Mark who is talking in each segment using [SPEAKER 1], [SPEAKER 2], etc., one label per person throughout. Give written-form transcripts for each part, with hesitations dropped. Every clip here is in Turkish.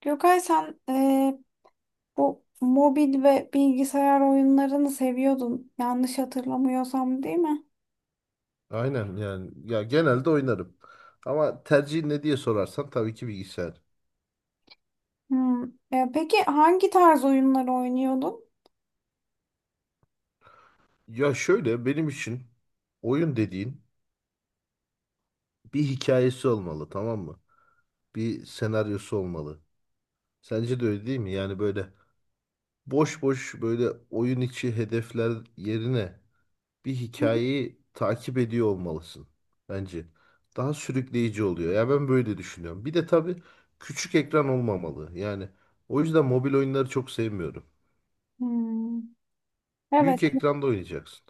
[SPEAKER 1] Gökay, sen bu mobil ve bilgisayar oyunlarını seviyordun, yanlış hatırlamıyorsam, değil mi?
[SPEAKER 2] Aynen yani ya genelde oynarım. Ama tercihin ne diye sorarsan tabii ki bilgisayar.
[SPEAKER 1] Hmm. E, peki hangi tarz oyunları oynuyordun?
[SPEAKER 2] Ya şöyle benim için oyun dediğin bir hikayesi olmalı, tamam mı? Bir senaryosu olmalı. Sence de öyle değil mi? Yani böyle boş boş böyle oyun içi hedefler yerine bir hikayeyi takip ediyor olmalısın bence. Daha sürükleyici oluyor. Ya ben böyle düşünüyorum. Bir de tabii küçük ekran olmamalı. Yani o yüzden mobil oyunları çok sevmiyorum.
[SPEAKER 1] Hmm. Evet.
[SPEAKER 2] Büyük ekranda oynayacaksın.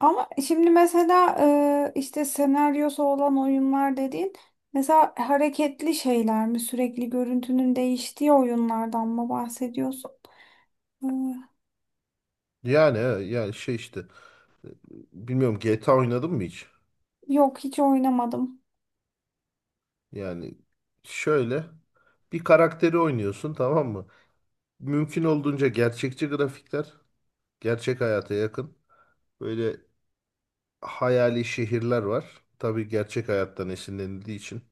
[SPEAKER 1] Ama şimdi mesela işte senaryosu olan oyunlar dediğin, mesela hareketli şeyler mi? Sürekli görüntünün değiştiği oyunlardan mı bahsediyorsun? Eee,
[SPEAKER 2] Yani he, yani e, bilmiyorum, GTA oynadın mı hiç?
[SPEAKER 1] yok, hiç oynamadım.
[SPEAKER 2] Yani şöyle bir karakteri oynuyorsun, tamam mı? Mümkün olduğunca gerçekçi grafikler, gerçek hayata yakın. Böyle hayali şehirler var. Tabii gerçek hayattan esinlenildiği için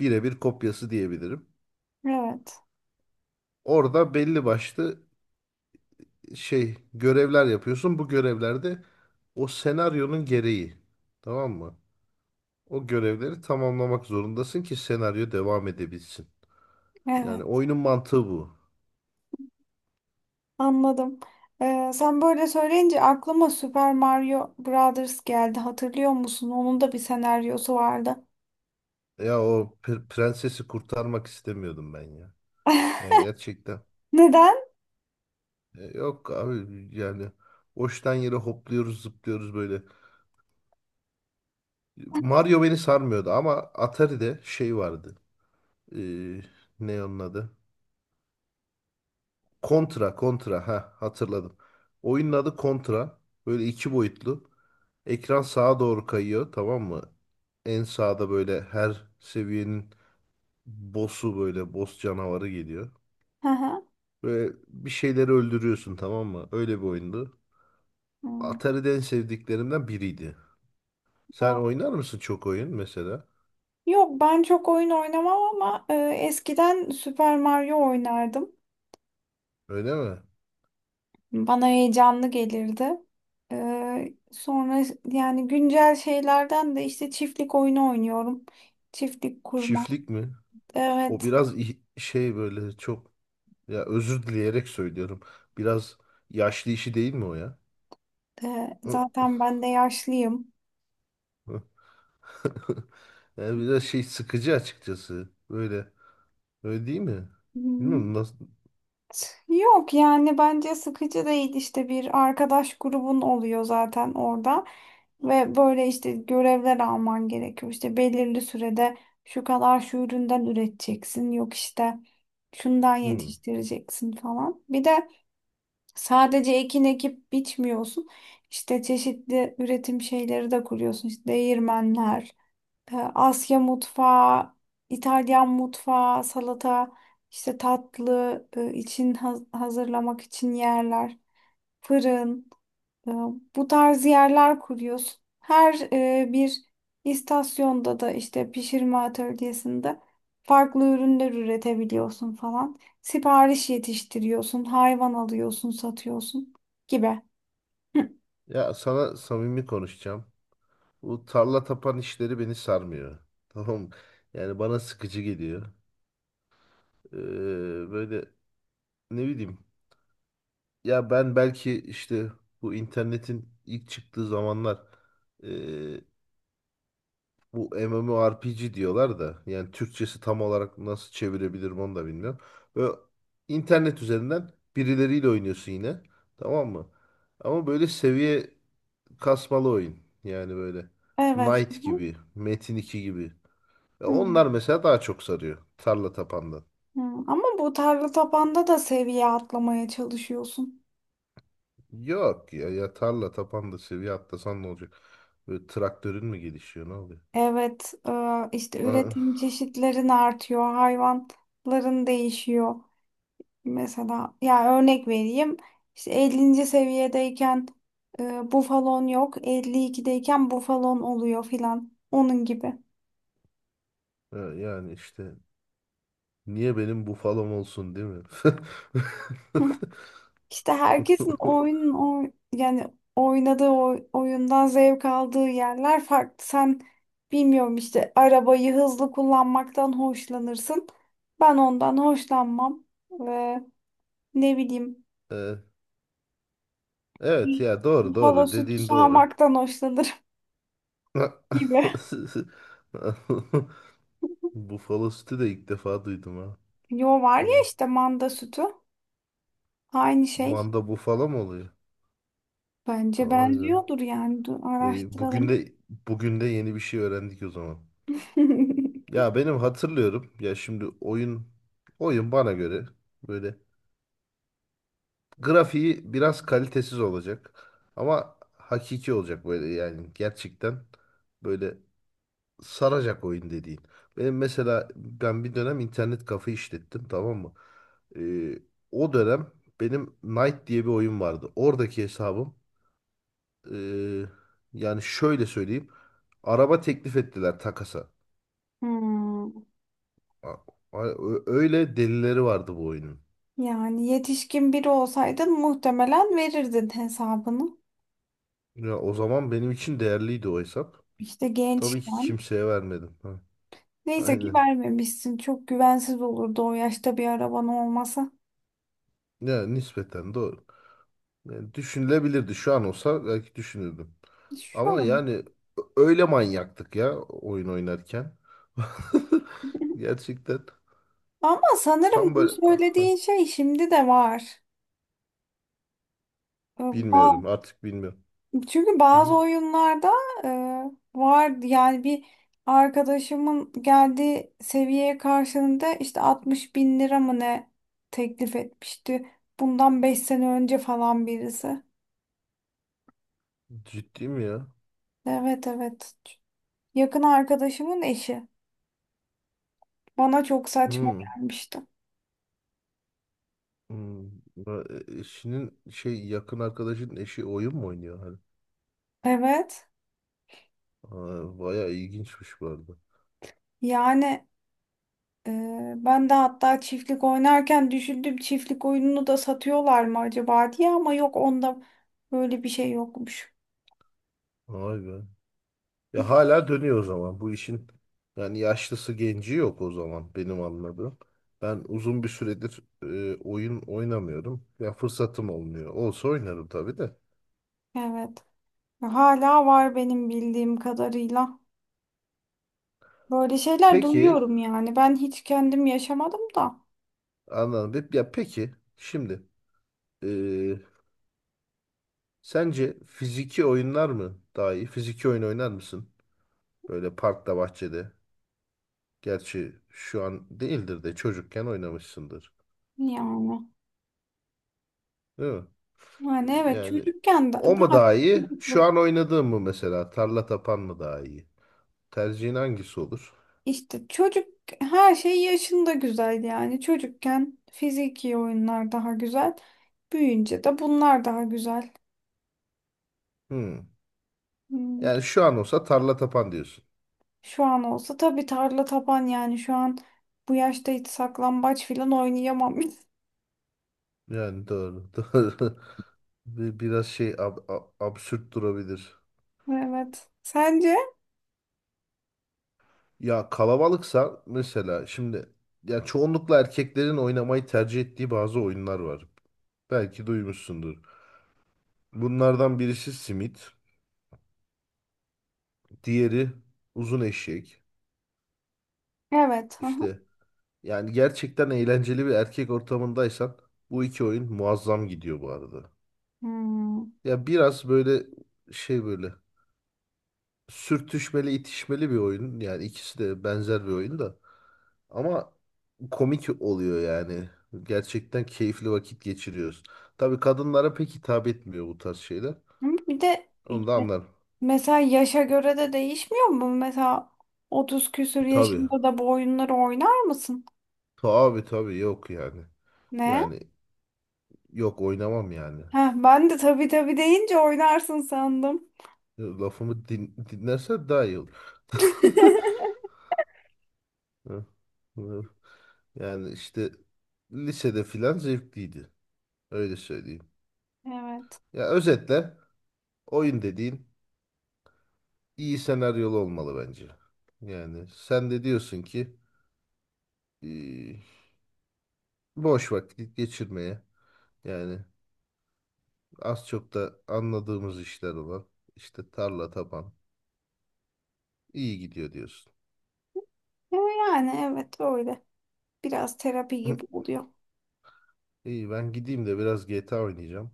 [SPEAKER 2] birebir kopyası diyebilirim.
[SPEAKER 1] Evet.
[SPEAKER 2] Orada belli başlı şey görevler yapıyorsun. Bu görevlerde o senaryonun gereği, tamam mı? O görevleri tamamlamak zorundasın ki senaryo devam edebilsin. Yani
[SPEAKER 1] Evet.
[SPEAKER 2] oyunun mantığı bu.
[SPEAKER 1] Anladım. Sen böyle söyleyince aklıma Super Mario Brothers geldi. Hatırlıyor musun? Onun da bir senaryosu vardı.
[SPEAKER 2] Ya o prensesi kurtarmak istemiyordum ben ya. Yani gerçekten.
[SPEAKER 1] Neden?
[SPEAKER 2] E, yok abi, yani hoştan yere hopluyoruz, zıplıyoruz böyle. Mario beni sarmıyordu ama Atari'de şey vardı. E, ne onun adı? Contra, Contra. Ha, hatırladım. Oyunun adı Contra. Böyle iki boyutlu. Ekran sağa doğru kayıyor, tamam mı? En sağda böyle her seviyenin boss'u, böyle boss canavarı geliyor.
[SPEAKER 1] Hı hı.
[SPEAKER 2] Böyle bir şeyleri öldürüyorsun, tamam mı? Öyle bir oyundu.
[SPEAKER 1] Hmm.
[SPEAKER 2] Atari'de en sevdiklerimden biriydi. Sen
[SPEAKER 1] Ha.
[SPEAKER 2] oynar mısın çok oyun mesela?
[SPEAKER 1] Yok, ben çok oyun oynamam ama e, eskiden Super Mario oynardım.
[SPEAKER 2] Öyle mi?
[SPEAKER 1] Bana heyecanlı gelirdi. E, sonra yani güncel şeylerden de işte çiftlik oyunu oynuyorum. Çiftlik kurma.
[SPEAKER 2] Çiftlik mi? O
[SPEAKER 1] Evet.
[SPEAKER 2] biraz şey, böyle çok, ya özür dileyerek söylüyorum. Biraz yaşlı işi değil mi o ya?
[SPEAKER 1] E, zaten ben de yaşlıyım.
[SPEAKER 2] Yani biraz şey, sıkıcı açıkçası. Böyle. Öyle değil mi?
[SPEAKER 1] Hı hı.
[SPEAKER 2] Bilmiyorum nasıl.
[SPEAKER 1] Yok, yani bence sıkıcı değil, işte bir arkadaş grubun oluyor zaten orada, ve böyle işte görevler alman gerekiyor, işte belirli sürede şu kadar şu üründen üreteceksin, yok işte şundan
[SPEAKER 2] Hmm.
[SPEAKER 1] yetiştireceksin falan. Bir de sadece ekin ekip biçmiyorsun, işte çeşitli üretim şeyleri de kuruyorsun, işte değirmenler, e, Asya mutfağı, İtalyan mutfağı, salata, işte tatlı e, için hazırlamak için yerler, fırın, e, bu tarz yerler kuruyoruz. Her e, bir istasyonda da işte pişirme atölyesinde farklı ürünler üretebiliyorsun falan. Sipariş yetiştiriyorsun, hayvan alıyorsun, satıyorsun gibi. Hı.
[SPEAKER 2] Ya sana samimi konuşacağım. Bu tarla tapan işleri beni sarmıyor. Tamam mı? Yani bana sıkıcı geliyor. Ee, Böyle, ne bileyim. Ya ben belki işte bu internetin ilk çıktığı zamanlar ee, bu MMORPG diyorlar da, yani Türkçesi tam olarak nasıl çevirebilirim onu da bilmiyorum. Böyle internet üzerinden birileriyle oynuyorsun yine. Tamam mı? Ama böyle seviye kasmalı oyun. Yani böyle
[SPEAKER 1] Evet.
[SPEAKER 2] Knight
[SPEAKER 1] Hı,
[SPEAKER 2] gibi, Metin 2 gibi. E,
[SPEAKER 1] hı,
[SPEAKER 2] onlar mesela daha çok sarıyor. Tarla tapandan.
[SPEAKER 1] hı. Ama bu tarla tapanda da seviye atlamaya çalışıyorsun.
[SPEAKER 2] Yok ya, ya tarla tapanda seviye atlasan ne olacak? Böyle traktörün mü gelişiyor, ne oluyor?
[SPEAKER 1] Evet, e, işte üretim
[SPEAKER 2] Ah,
[SPEAKER 1] çeşitlerin artıyor, hayvanların değişiyor. Mesela ya örnek vereyim. İşte 50. seviyedeyken e, bufalon yok, 52'deyken bufalon oluyor filan. Onun gibi.
[SPEAKER 2] e, yani işte niye benim bufalom olsun, değil mi?
[SPEAKER 1] Hı. İşte herkesin yani oyundan zevk aldığı yerler farklı. Sen, bilmiyorum, işte arabayı hızlı kullanmaktan hoşlanırsın. Ben ondan hoşlanmam. Ve ne bileyim,
[SPEAKER 2] E, evet ya, doğru,
[SPEAKER 1] Buffalo
[SPEAKER 2] doğru,
[SPEAKER 1] sütü
[SPEAKER 2] dediğin doğru.
[SPEAKER 1] sağmaktan hoşlanırım gibi.
[SPEAKER 2] Bufalo sütü de ilk defa duydum, ha.
[SPEAKER 1] Yo, var ya işte, manda sütü. Aynı şey.
[SPEAKER 2] Manda bufalo mı oluyor?
[SPEAKER 1] Bence
[SPEAKER 2] Vay be.
[SPEAKER 1] benziyordur yani. Dur,
[SPEAKER 2] E, bugün
[SPEAKER 1] araştıralım.
[SPEAKER 2] de bugün de yeni bir şey öğrendik o zaman. Ya benim hatırlıyorum ya, şimdi oyun bana göre böyle grafiği biraz kalitesiz olacak ama hakiki olacak, böyle yani gerçekten, böyle saracak oyun dediğin. Benim mesela ben bir dönem internet kafe işlettim, tamam mı? Ee, O dönem benim Knight diye bir oyun vardı. Oradaki hesabım, ee, yani şöyle söyleyeyim, araba teklif ettiler takasa.
[SPEAKER 1] Hmm.
[SPEAKER 2] A- Öyle delileri vardı bu oyunun.
[SPEAKER 1] Yani yetişkin biri olsaydın muhtemelen verirdin hesabını.
[SPEAKER 2] Ya o zaman benim için değerliydi o hesap.
[SPEAKER 1] İşte
[SPEAKER 2] Tabii ki
[SPEAKER 1] gençken.
[SPEAKER 2] kimseye vermedim. Ha,
[SPEAKER 1] Neyse ki
[SPEAKER 2] aynen.
[SPEAKER 1] vermemişsin. Çok güvensiz olurdu o yaşta bir araban olmasa.
[SPEAKER 2] Ya nispeten doğru. Yani düşünülebilirdi. Şu an olsa belki düşünürdüm.
[SPEAKER 1] Şu
[SPEAKER 2] Ama
[SPEAKER 1] an.
[SPEAKER 2] yani öyle manyaktık ya oyun oynarken. Gerçekten
[SPEAKER 1] Ama sanırım
[SPEAKER 2] tam
[SPEAKER 1] bu
[SPEAKER 2] böyle. Ah,
[SPEAKER 1] söylediğin şey şimdi de var. Ee,
[SPEAKER 2] bilmiyorum artık, bilmiyorum.
[SPEAKER 1] Çünkü
[SPEAKER 2] Hı hı.
[SPEAKER 1] bazı oyunlarda e, vardı yani, bir arkadaşımın geldiği seviyeye karşılığında işte 60 bin lira mı ne teklif etmişti. Bundan 5 sene önce falan birisi.
[SPEAKER 2] Ciddi mi ya?
[SPEAKER 1] Evet, evet. Yakın arkadaşımın eşi. Bana çok saçma
[SPEAKER 2] Hı.
[SPEAKER 1] gelmişti.
[SPEAKER 2] Hı. Ya, eşinin şey, yakın arkadaşın eşi oyun mu oynuyor? Hani?
[SPEAKER 1] Evet.
[SPEAKER 2] Aa, bayağı ilginçmiş bu arada.
[SPEAKER 1] Yani ee, ben de hatta çiftlik oynarken düşündüm, çiftlik oyununu da satıyorlar mı acaba diye, ama yok, onda böyle bir şey yokmuş.
[SPEAKER 2] Vay be. Ya hala dönüyor o zaman. Bu işin yani yaşlısı genci yok o zaman benim anladığım. Ben uzun bir süredir oyun oynamıyorum. Ya fırsatım olmuyor. Olsa oynarım tabii de.
[SPEAKER 1] Evet. Hala var benim bildiğim kadarıyla. Böyle şeyler
[SPEAKER 2] Peki,
[SPEAKER 1] duyuyorum yani. Ben hiç kendim yaşamadım da.
[SPEAKER 2] anladım. Ya peki şimdi, e, sence fiziki oyunlar mı daha iyi? Fiziki oyun oynar mısın? Böyle parkta, bahçede. Gerçi şu an değildir de çocukken oynamışsındır.
[SPEAKER 1] Yani.
[SPEAKER 2] Değil mi?
[SPEAKER 1] Yani evet,
[SPEAKER 2] Yani
[SPEAKER 1] çocukken
[SPEAKER 2] o mu
[SPEAKER 1] daha
[SPEAKER 2] daha iyi? Şu
[SPEAKER 1] çocukluk.
[SPEAKER 2] an oynadığım mı mesela? Tarla tapan mı daha iyi? Tercihin hangisi olur?
[SPEAKER 1] İşte çocuk, her şey yaşında güzel yani. Çocukken fiziki oyunlar daha güzel. Büyüyünce de bunlar daha güzel.
[SPEAKER 2] Hmm.
[SPEAKER 1] Hmm.
[SPEAKER 2] Yani şu an olsa tarla tapan diyorsun.
[SPEAKER 1] Şu an olsa tabii tarla taban, yani şu an bu yaşta hiç saklambaç filan oynayamam.
[SPEAKER 2] Yani doğru, doğru. Biraz şey, absürt durabilir.
[SPEAKER 1] Evet. Sence?
[SPEAKER 2] Ya kalabalıksa mesela, şimdi ya çoğunlukla erkeklerin oynamayı tercih ettiği bazı oyunlar var. Belki duymuşsundur. Bunlardan birisi simit, diğeri uzun eşek.
[SPEAKER 1] Evet. Hı hı.
[SPEAKER 2] İşte yani gerçekten eğlenceli bir erkek ortamındaysan bu iki oyun muazzam gidiyor bu arada.
[SPEAKER 1] Hmm.
[SPEAKER 2] Ya biraz böyle şey, böyle sürtüşmeli, itişmeli bir oyun. Yani ikisi de benzer bir oyun da. Ama komik oluyor yani. Gerçekten keyifli vakit geçiriyoruz. Tabii kadınlara pek hitap etmiyor bu tarz şeyler.
[SPEAKER 1] Ama bir de
[SPEAKER 2] Onu da
[SPEAKER 1] işte,
[SPEAKER 2] anlarım.
[SPEAKER 1] mesela yaşa göre de değişmiyor mu? Mesela 30 küsür
[SPEAKER 2] Tabii.
[SPEAKER 1] yaşında da bu oyunları oynar mısın?
[SPEAKER 2] Tabii, tabii, yok yani.
[SPEAKER 1] Ne?
[SPEAKER 2] Yani yok, oynamam yani.
[SPEAKER 1] Heh, ben de tabii tabii deyince oynarsın sandım.
[SPEAKER 2] Lafımı dinlerse daha iyi olur. Hı, hı. Yani işte lisede filan zevkliydi. Öyle söyleyeyim.
[SPEAKER 1] Evet.
[SPEAKER 2] Ya özetle oyun dediğin iyi senaryolu olmalı bence. Yani sen de diyorsun ki eee, boş vakit geçirmeye, yani az çok da anladığımız işler olan işte tarla taban iyi gidiyor diyorsun.
[SPEAKER 1] Ya, yani evet öyle. Biraz terapi gibi oluyor.
[SPEAKER 2] İyi, ben gideyim de biraz GTA oynayacağım.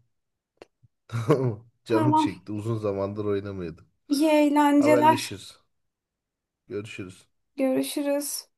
[SPEAKER 2] Canım
[SPEAKER 1] Tamam.
[SPEAKER 2] çekti, uzun zamandır oynamıyordum.
[SPEAKER 1] İyi eğlenceler.
[SPEAKER 2] Haberleşiriz. Görüşürüz.
[SPEAKER 1] Görüşürüz.